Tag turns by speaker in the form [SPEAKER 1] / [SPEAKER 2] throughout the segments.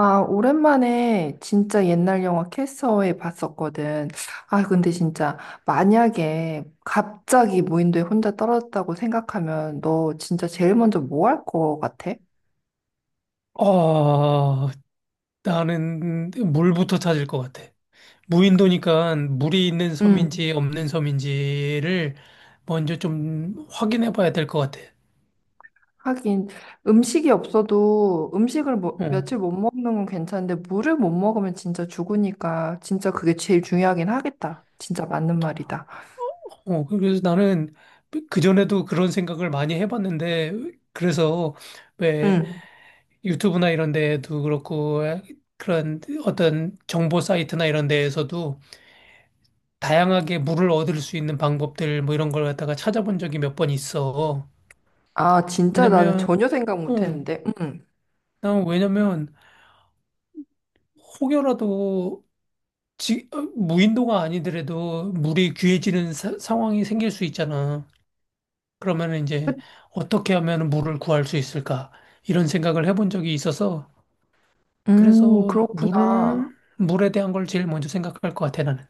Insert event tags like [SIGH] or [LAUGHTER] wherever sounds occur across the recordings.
[SPEAKER 1] 아, 오랜만에 진짜 옛날 영화 캐서웨이 봤었거든. 아, 근데 진짜 만약에 갑자기 무인도에 혼자 떨어졌다고 생각하면 너 진짜 제일 먼저 뭐 할 거 같아?
[SPEAKER 2] 아, 나는 물부터 찾을 것 같아. 무인도니까 물이 있는
[SPEAKER 1] 응.
[SPEAKER 2] 섬인지 없는 섬인지를 먼저 좀 확인해 봐야 될 것 같아.
[SPEAKER 1] 하긴 음식이 없어도 음식을 뭐,
[SPEAKER 2] 어,
[SPEAKER 1] 며칠 못 먹는 건 괜찮은데 물을 못 먹으면 진짜 죽으니까 진짜 그게 제일 중요하긴 하겠다. 진짜 맞는 말이다.
[SPEAKER 2] 그래서 나는 그전에도 그런 생각을 많이 해봤는데, 그래서 왜
[SPEAKER 1] 응.
[SPEAKER 2] 유튜브나 이런 데도 그렇고, 그런 어떤 정보 사이트나 이런 데에서도 다양하게 물을 얻을 수 있는 방법들 뭐 이런 걸 갖다가 찾아본 적이 몇 번 있어.
[SPEAKER 1] 아, 진짜 나는
[SPEAKER 2] 왜냐면,
[SPEAKER 1] 전혀 생각 못
[SPEAKER 2] 어,
[SPEAKER 1] 했는데. 응.
[SPEAKER 2] 난 왜냐면 혹여라도 무인도가 아니더라도 물이 귀해지는 상황이 생길 수 있잖아. 그러면 이제
[SPEAKER 1] 그-
[SPEAKER 2] 어떻게 하면 물을 구할 수 있을까? 이런 생각을 해본 적이 있어서 그래서
[SPEAKER 1] 그렇구나.
[SPEAKER 2] 물을 물에 대한 걸 제일 먼저 생각할 것 같아 나는.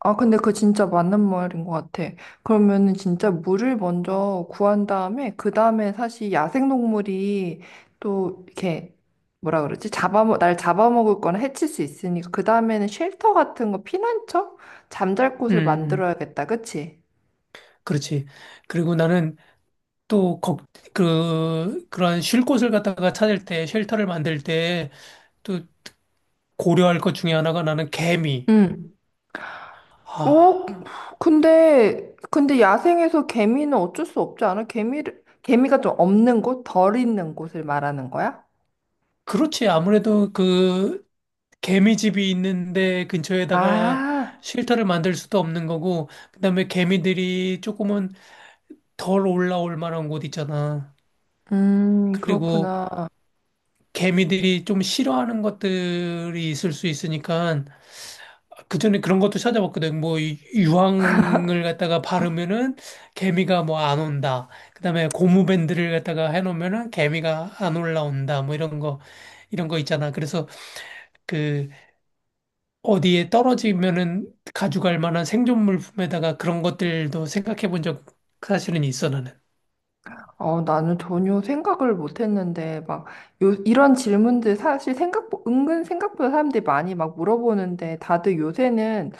[SPEAKER 1] 아, 근데 그거 진짜 맞는 말인 것 같아. 그러면은 진짜 물을 먼저 구한 다음에, 그 다음에 사실 야생동물이 또 이렇게, 뭐라 그러지? 날 잡아먹을 거나 해칠 수 있으니까, 그 다음에는 쉘터 같은 거, 피난처? 잠잘
[SPEAKER 2] 음,
[SPEAKER 1] 곳을
[SPEAKER 2] 음.
[SPEAKER 1] 만들어야겠다, 그치?
[SPEAKER 2] 그렇지. 그리고 나는 또 그러한 쉴 곳을 갖다가 찾을 때, 쉘터를 만들 때 또 고려할 것 중에 하나가 나는 개미.
[SPEAKER 1] 응. 오,
[SPEAKER 2] 아.
[SPEAKER 1] 근데 야생에서 개미는 어쩔 수 없지 않아? 개미를, 개미가 좀 없는 곳? 덜 있는 곳을 말하는 거야?
[SPEAKER 2] 그렇지. 아무래도 그 개미집이 있는데 근처에다가
[SPEAKER 1] 아,
[SPEAKER 2] 쉘터를 만들 수도 없는 거고, 그다음에 개미들이 조금은 덜 올라올 만한 곳 있잖아. 그리고
[SPEAKER 1] 그렇구나.
[SPEAKER 2] 개미들이 좀 싫어하는 것들이 있을 수 있으니까 그전에 그런 것도 찾아봤거든. 뭐 유황을 갖다가 바르면은 개미가 뭐 안 온다. 그다음에 고무밴드를 갖다가 해놓으면은 개미가 안 올라온다. 뭐 이런 거 이런 거 있잖아. 그래서 그 어디에 떨어지면은 가져갈 만한 생존 물품에다가 그런 것들도 생각해 본 적 사실은 있어 나는.
[SPEAKER 1] 어, 나는 전혀 생각을 못 했는데, 막, 요, 이런 질문들 사실 생각, 은근 생각보다 사람들이 많이 막 물어보는데, 다들 요새는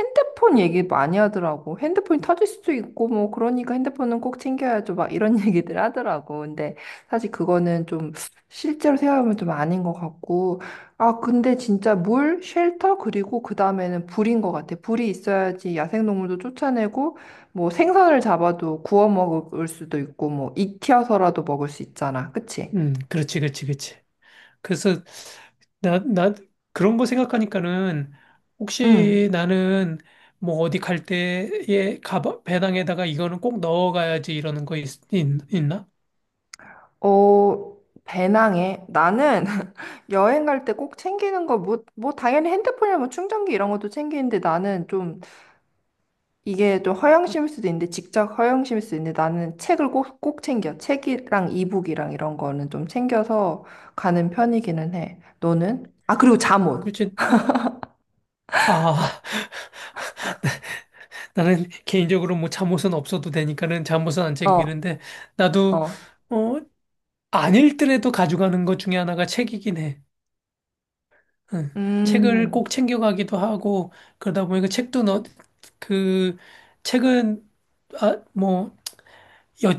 [SPEAKER 1] 핸드폰 얘기 많이 하더라고. 핸드폰이 터질 수도 있고, 뭐, 그러니까 핸드폰은 꼭 챙겨야죠. 막 이런 [LAUGHS] 얘기들 하더라고. 근데 사실 그거는 좀 실제로 생각하면 좀 아닌 것 같고, 아, 근데 진짜 물, 쉘터, 그리고 그 다음에는 불인 것 같아. 불이 있어야지 야생동물도 쫓아내고, 뭐 생선을 잡아도 구워 먹을 수도 있고 뭐 익혀서라도 먹을 수 있잖아. 그치?
[SPEAKER 2] 그렇지, 그렇지, 그렇지. 그래서 나 그런 거 생각하니까는
[SPEAKER 1] 응.
[SPEAKER 2] 혹시 나는 뭐 어디 갈 때에 가방 배낭에다가 이거는 꼭 넣어가야지 이러는 거 있, 있, 나
[SPEAKER 1] 어, 배낭에 나는 [LAUGHS] 여행 갈 때 꼭 챙기는 거 뭐 뭐 당연히 핸드폰이나 뭐 충전기 이런 것도 챙기는데 나는 좀 이게 좀 허영심일 수도 있는데 직접 허영심일 수도 있는데 나는 책을 꼭 꼭 챙겨. 책이랑 이북이랑 이런 거는 좀 챙겨서 가는 편이기는 해. 너는? 아, 그리고 잠옷.
[SPEAKER 2] 그렇지. 아, [LAUGHS] 나는 개인적으로 뭐 잠옷은 없어도 되니까는 잠옷은 안
[SPEAKER 1] 어,
[SPEAKER 2] 챙기는데 나도
[SPEAKER 1] 어.
[SPEAKER 2] 어, 안 읽더라도 가져가는 것 중에 하나가 책이긴 해. 응. 책을
[SPEAKER 1] 음.
[SPEAKER 2] 꼭 챙겨가기도 하고 그러다 보니까 책도 너, 그 책은 아, 뭐, 여,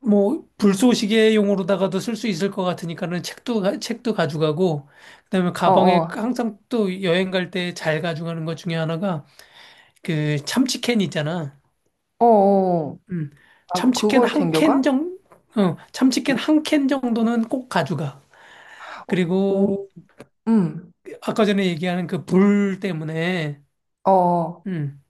[SPEAKER 2] 뭐 불쏘시개용으로다가도 쓸 수 있을 것 같으니까는 책도 가져가고 그다음에
[SPEAKER 1] 어,
[SPEAKER 2] 가방에
[SPEAKER 1] 어.
[SPEAKER 2] 항상 또 여행 갈 때 잘 가져가는 것 중에 하나가 그 참치캔 있잖아.
[SPEAKER 1] 어, 어.
[SPEAKER 2] 음.
[SPEAKER 1] 아,
[SPEAKER 2] 참치캔
[SPEAKER 1] 그걸
[SPEAKER 2] 한 캔
[SPEAKER 1] 챙겨가?
[SPEAKER 2] 정, 참치캔 한 캔 정도는 꼭 가져가. 그리고
[SPEAKER 1] 오, 음,
[SPEAKER 2] 아까 전에 얘기하는 그 불 때문에
[SPEAKER 1] 어,
[SPEAKER 2] 음.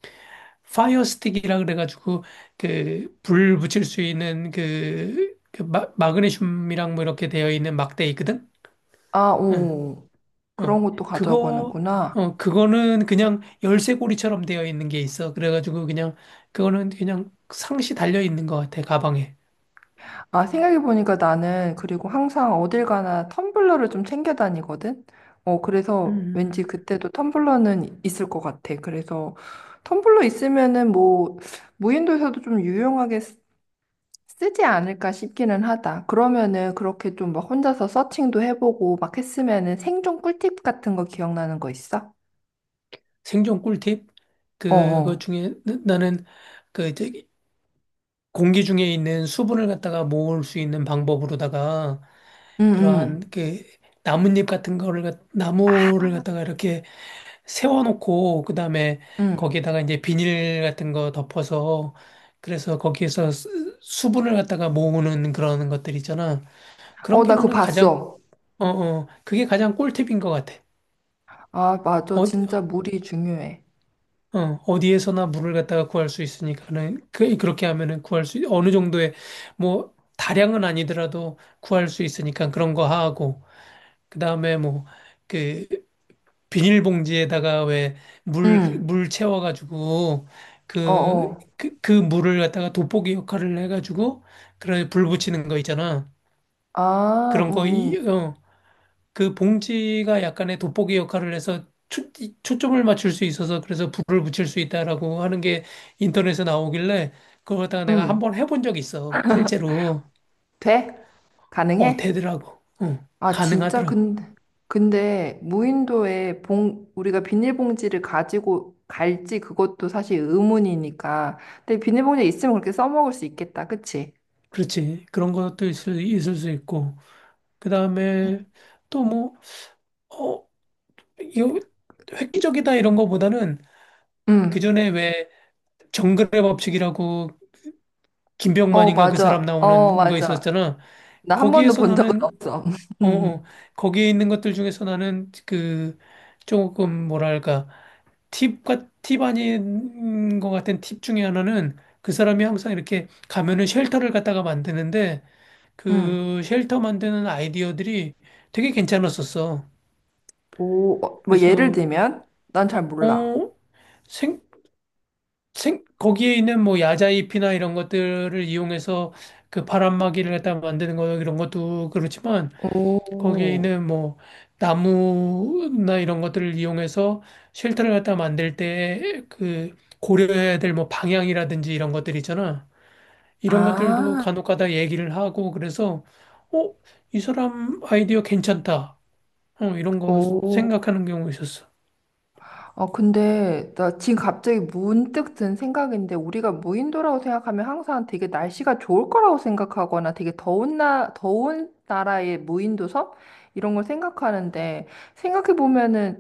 [SPEAKER 2] 파이어 스틱이라 그래가지고 그 불 붙일 수 있는 그 마그네슘이랑 뭐 이렇게 되어 있는 막대 있거든.
[SPEAKER 1] 아,
[SPEAKER 2] 응.
[SPEAKER 1] 오, 그런
[SPEAKER 2] 어.
[SPEAKER 1] 것도 가져가고
[SPEAKER 2] 그거
[SPEAKER 1] 하는구나.
[SPEAKER 2] 어 그거는 그냥 열쇠고리처럼 되어 있는 게 있어. 그래가지고 그냥 그거는 그냥 상시 달려 있는 것 같아 가방에.
[SPEAKER 1] 아, 생각해보니까 나는 그리고 항상 어딜 가나 텀블러를 좀 챙겨 다니거든? 어, 그래서 왠지
[SPEAKER 2] 음.
[SPEAKER 1] 그때도 텀블러는 있을 것 같아. 그래서 텀블러 있으면은 뭐, 무인도에서도 좀 유용하게 쓰지 않을까 싶기는 하다. 그러면은 그렇게 좀 막 혼자서 서칭도 해보고 막 했으면은 생존 꿀팁 같은 거 기억나는 거 있어?
[SPEAKER 2] 생존 꿀팁 그것
[SPEAKER 1] 어어.
[SPEAKER 2] 중에 나는 그 저기 공기 중에 있는 수분을 갖다가 모을 수 있는 방법으로다가
[SPEAKER 1] 응,
[SPEAKER 2] 그러한
[SPEAKER 1] 응.
[SPEAKER 2] 그 나뭇잎 같은 거를 나무를 갖다가 이렇게 세워놓고 그다음에
[SPEAKER 1] 응.
[SPEAKER 2] 거기에다가 이제 비닐 같은 거 덮어서 그래서 거기에서 수분을 갖다가 모으는 그런 것들 있잖아. 그런
[SPEAKER 1] 어,
[SPEAKER 2] 게
[SPEAKER 1] 나 그거
[SPEAKER 2] 나는 가장
[SPEAKER 1] 봤어.
[SPEAKER 2] 그게 가장 꿀팁인 것 같아.
[SPEAKER 1] 아, 맞아.
[SPEAKER 2] 어디,
[SPEAKER 1] 진짜 물이 중요해.
[SPEAKER 2] 어, 어디에서나 물을 갖다가 구할 수 있으니까는 그 그렇게 하면은 구할 수 어느 정도의 뭐 다량은 아니더라도 구할 수 있으니까 그런 거 하고 그다음에 뭐그 비닐봉지에다가 왜 물,
[SPEAKER 1] 응.
[SPEAKER 2] 물 채워가지고
[SPEAKER 1] 어,
[SPEAKER 2] 그,
[SPEAKER 1] 어.
[SPEAKER 2] 그, 그 물을 갖다가 돋보기 역할을 해가지고 그런 불 붙이는 거 있잖아.
[SPEAKER 1] 아,
[SPEAKER 2] 그런 거,
[SPEAKER 1] 응, 응.
[SPEAKER 2] 그 봉지가 약간의 돋보기 역할을 해서 초점을 맞출 수 있어서 그래서 불을 붙일 수 있다라고 하는 게 인터넷에 나오길래 그거 갖다가 내가
[SPEAKER 1] 응.
[SPEAKER 2] 한번 해본 적 있어. 실제로.
[SPEAKER 1] 돼?
[SPEAKER 2] 어,
[SPEAKER 1] 가능해?
[SPEAKER 2] 되더라고. 어,
[SPEAKER 1] 아, 진짜?
[SPEAKER 2] 가능하더라고.
[SPEAKER 1] 근데, 근데 무인도에 우리가 비닐봉지를 가지고 갈지 그것도 사실 의문이니까. 근데 비닐봉지 있으면 그렇게 써먹을 수 있겠다. 그치?
[SPEAKER 2] 그렇지. 그런 것도 있을 수 있고. 그 다음에 어, 이거 획기적이다 이런 거보다는 그
[SPEAKER 1] 응.
[SPEAKER 2] 전에 왜 정글의 법칙이라고
[SPEAKER 1] 어,
[SPEAKER 2] 김병만인가 그 사람
[SPEAKER 1] 맞아. 어,
[SPEAKER 2] 나오는 거
[SPEAKER 1] 맞아.
[SPEAKER 2] 있었잖아.
[SPEAKER 1] 나 한 번도
[SPEAKER 2] 거기에서
[SPEAKER 1] 본 적은
[SPEAKER 2] 나는
[SPEAKER 1] 없어. [LAUGHS]
[SPEAKER 2] 어, 어
[SPEAKER 1] 응.
[SPEAKER 2] 거기에 있는 것들 중에서 나는 그 조금 뭐랄까 팁과 팁 아닌 것 같은 팁 중에 하나는 그 사람이 항상 이렇게 가면은 쉘터를 갖다가 만드는데
[SPEAKER 1] 응.
[SPEAKER 2] 그 쉘터 만드는 아이디어들이 되게 괜찮았었어.
[SPEAKER 1] 오, 어, 뭐 예를
[SPEAKER 2] 그래서
[SPEAKER 1] 들면? 난 잘 몰라.
[SPEAKER 2] 어 생? 거기에 있는 뭐 야자잎이나 이런 것들을 이용해서 그 바람막이를 갖다 만드는 거 이런 것도 그렇지만 거기에
[SPEAKER 1] 오,
[SPEAKER 2] 있는 뭐 나무나 이런 것들을 이용해서 쉘터를 갖다 만들 때 그 고려해야 될 뭐 방향이라든지 이런 것들 있잖아. 이런
[SPEAKER 1] 아,
[SPEAKER 2] 것들도 간혹가다 얘기를 하고 그래서 어, 이 사람 아이디어 괜찮다. 이런 거
[SPEAKER 1] 오.
[SPEAKER 2] 생각하는 경우 있었어.
[SPEAKER 1] 어, 근데 나 지금 갑자기 문득 든 생각인데 우리가 무인도라고 생각하면 항상 되게 날씨가 좋을 거라고 생각하거나 되게 더운 나라의 무인도 섬? 이런 걸 생각하는데 생각해 보면은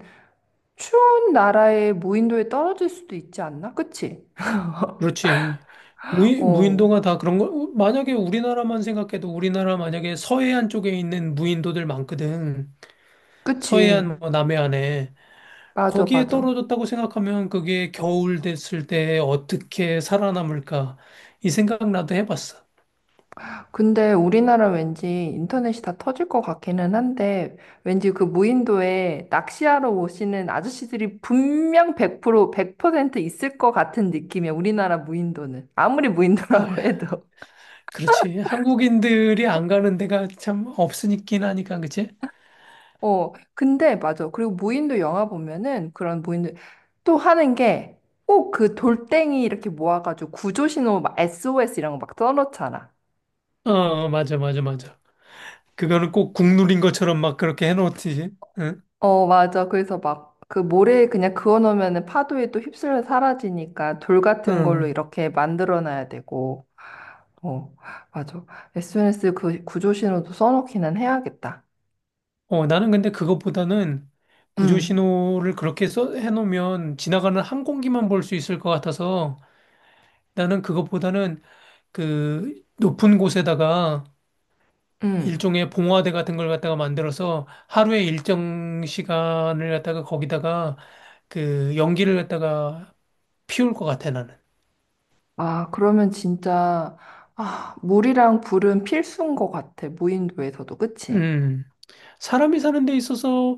[SPEAKER 1] 추운 나라의 무인도에 떨어질 수도 있지 않나? 그치?
[SPEAKER 2] 그렇지. 무인,
[SPEAKER 1] 어,
[SPEAKER 2] 무인도가 다 그런 거, 만약에 우리나라만 생각해도 우리나라 만약에 서해안 쪽에 있는 무인도들 많거든.
[SPEAKER 1] 그치.
[SPEAKER 2] 서해안, 뭐 남해안에.
[SPEAKER 1] 맞아,
[SPEAKER 2] 거기에
[SPEAKER 1] 맞아.
[SPEAKER 2] 떨어졌다고 생각하면 그게 겨울 됐을 때 어떻게 살아남을까. 이 생각 나도 해봤어.
[SPEAKER 1] 근데 우리나라 왠지 인터넷이 다 터질 것 같기는 한데, 왠지 그 무인도에 낚시하러 오시는 아저씨들이 분명 100%, 100% 있을 것 같은 느낌이야, 우리나라 무인도는. 아무리 무인도라고 [LAUGHS]
[SPEAKER 2] 아,
[SPEAKER 1] 해도.
[SPEAKER 2] 그렇지. 한국인들이 안 가는 데가 참 없으니까 하니까, 그치?
[SPEAKER 1] 어, 근데 맞아. 그리고 무인도 영화 보면은 그런 무인도 또 하는 게 꼭 그 돌덩이 이렇게 모아가지고 구조신호 막 SOS 이런 거 막 써놓잖아.
[SPEAKER 2] 어, 어, 맞아, 맞아, 맞아. 그거는 꼭 국룰인 것처럼 막 그렇게 해놓지. 응?
[SPEAKER 1] 어, 맞아. 그래서 막 그 모래에 그냥 그어놓으면 파도에 또 휩쓸려 사라지니까 돌 같은 걸로
[SPEAKER 2] 응.
[SPEAKER 1] 이렇게 만들어놔야 되고. 어, 맞아. SNS 그 구조 신호도 써놓기는 해야겠다.
[SPEAKER 2] 어, 나는 근데 그것보다는 구조
[SPEAKER 1] 음,
[SPEAKER 2] 신호를 그렇게 써 해놓으면 지나가는 항공기만 볼 수 있을 것 같아서 나는 그것보다는 그 높은 곳에다가
[SPEAKER 1] 음.
[SPEAKER 2] 일종의 봉화대 같은 걸 갖다가 만들어서 하루에 일정 시간을 갖다가 거기다가 그 연기를 갖다가 피울 것 같아, 나는.
[SPEAKER 1] 아, 그러면 진짜, 아, 물이랑 불은 필수인 것 같아. 무인도에서도. 그치?
[SPEAKER 2] 음. 사람이 사는 데 있어서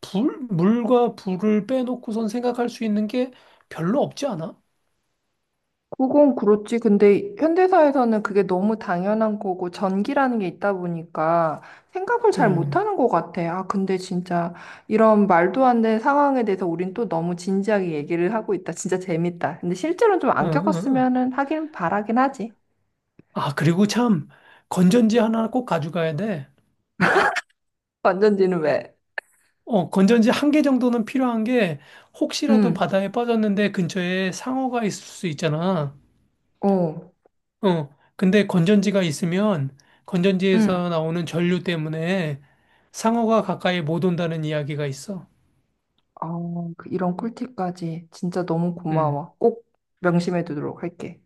[SPEAKER 2] 물과 불을 빼놓고선 생각할 수 있는 게 별로 없지 않아?
[SPEAKER 1] 그건 그렇지. 근데 현대사에서는 그게 너무 당연한 거고, 전기라는 게 있다 보니까 생각을 잘
[SPEAKER 2] 음.
[SPEAKER 1] 못하는 것 같아. 아, 근데 진짜 이런 말도 안 되는 상황에 대해서 우린 또 너무 진지하게 얘기를 하고 있다. 진짜 재밌다. 근데 실제로는 좀
[SPEAKER 2] 응,
[SPEAKER 1] 안
[SPEAKER 2] 응, 응.
[SPEAKER 1] 겪었으면은 하긴 바라긴 하지.
[SPEAKER 2] 아, 그리고 참, 건전지 하나 꼭 가져가야 돼.
[SPEAKER 1] 완전지는 왜?
[SPEAKER 2] 어, 건전지 한 개 정도는 필요한 게, 혹시라도
[SPEAKER 1] 응,
[SPEAKER 2] 바다에 빠졌는데 근처에 상어가 있을 수 있잖아.
[SPEAKER 1] 어,
[SPEAKER 2] 어, 근데 건전지가 있으면,
[SPEAKER 1] 응.
[SPEAKER 2] 건전지에서 나오는 전류 때문에 상어가 가까이 못 온다는 이야기가 있어.
[SPEAKER 1] 아, 그 이런 꿀팁까지 진짜 너무
[SPEAKER 2] 음,
[SPEAKER 1] 고마워. 꼭 명심해 두도록 할게.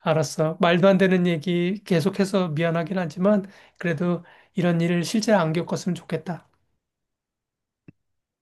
[SPEAKER 2] 알았어. 말도 안 되는 얘기 계속해서 미안하긴 하지만, 그래도 이런 일을 실제 안 겪었으면 좋겠다.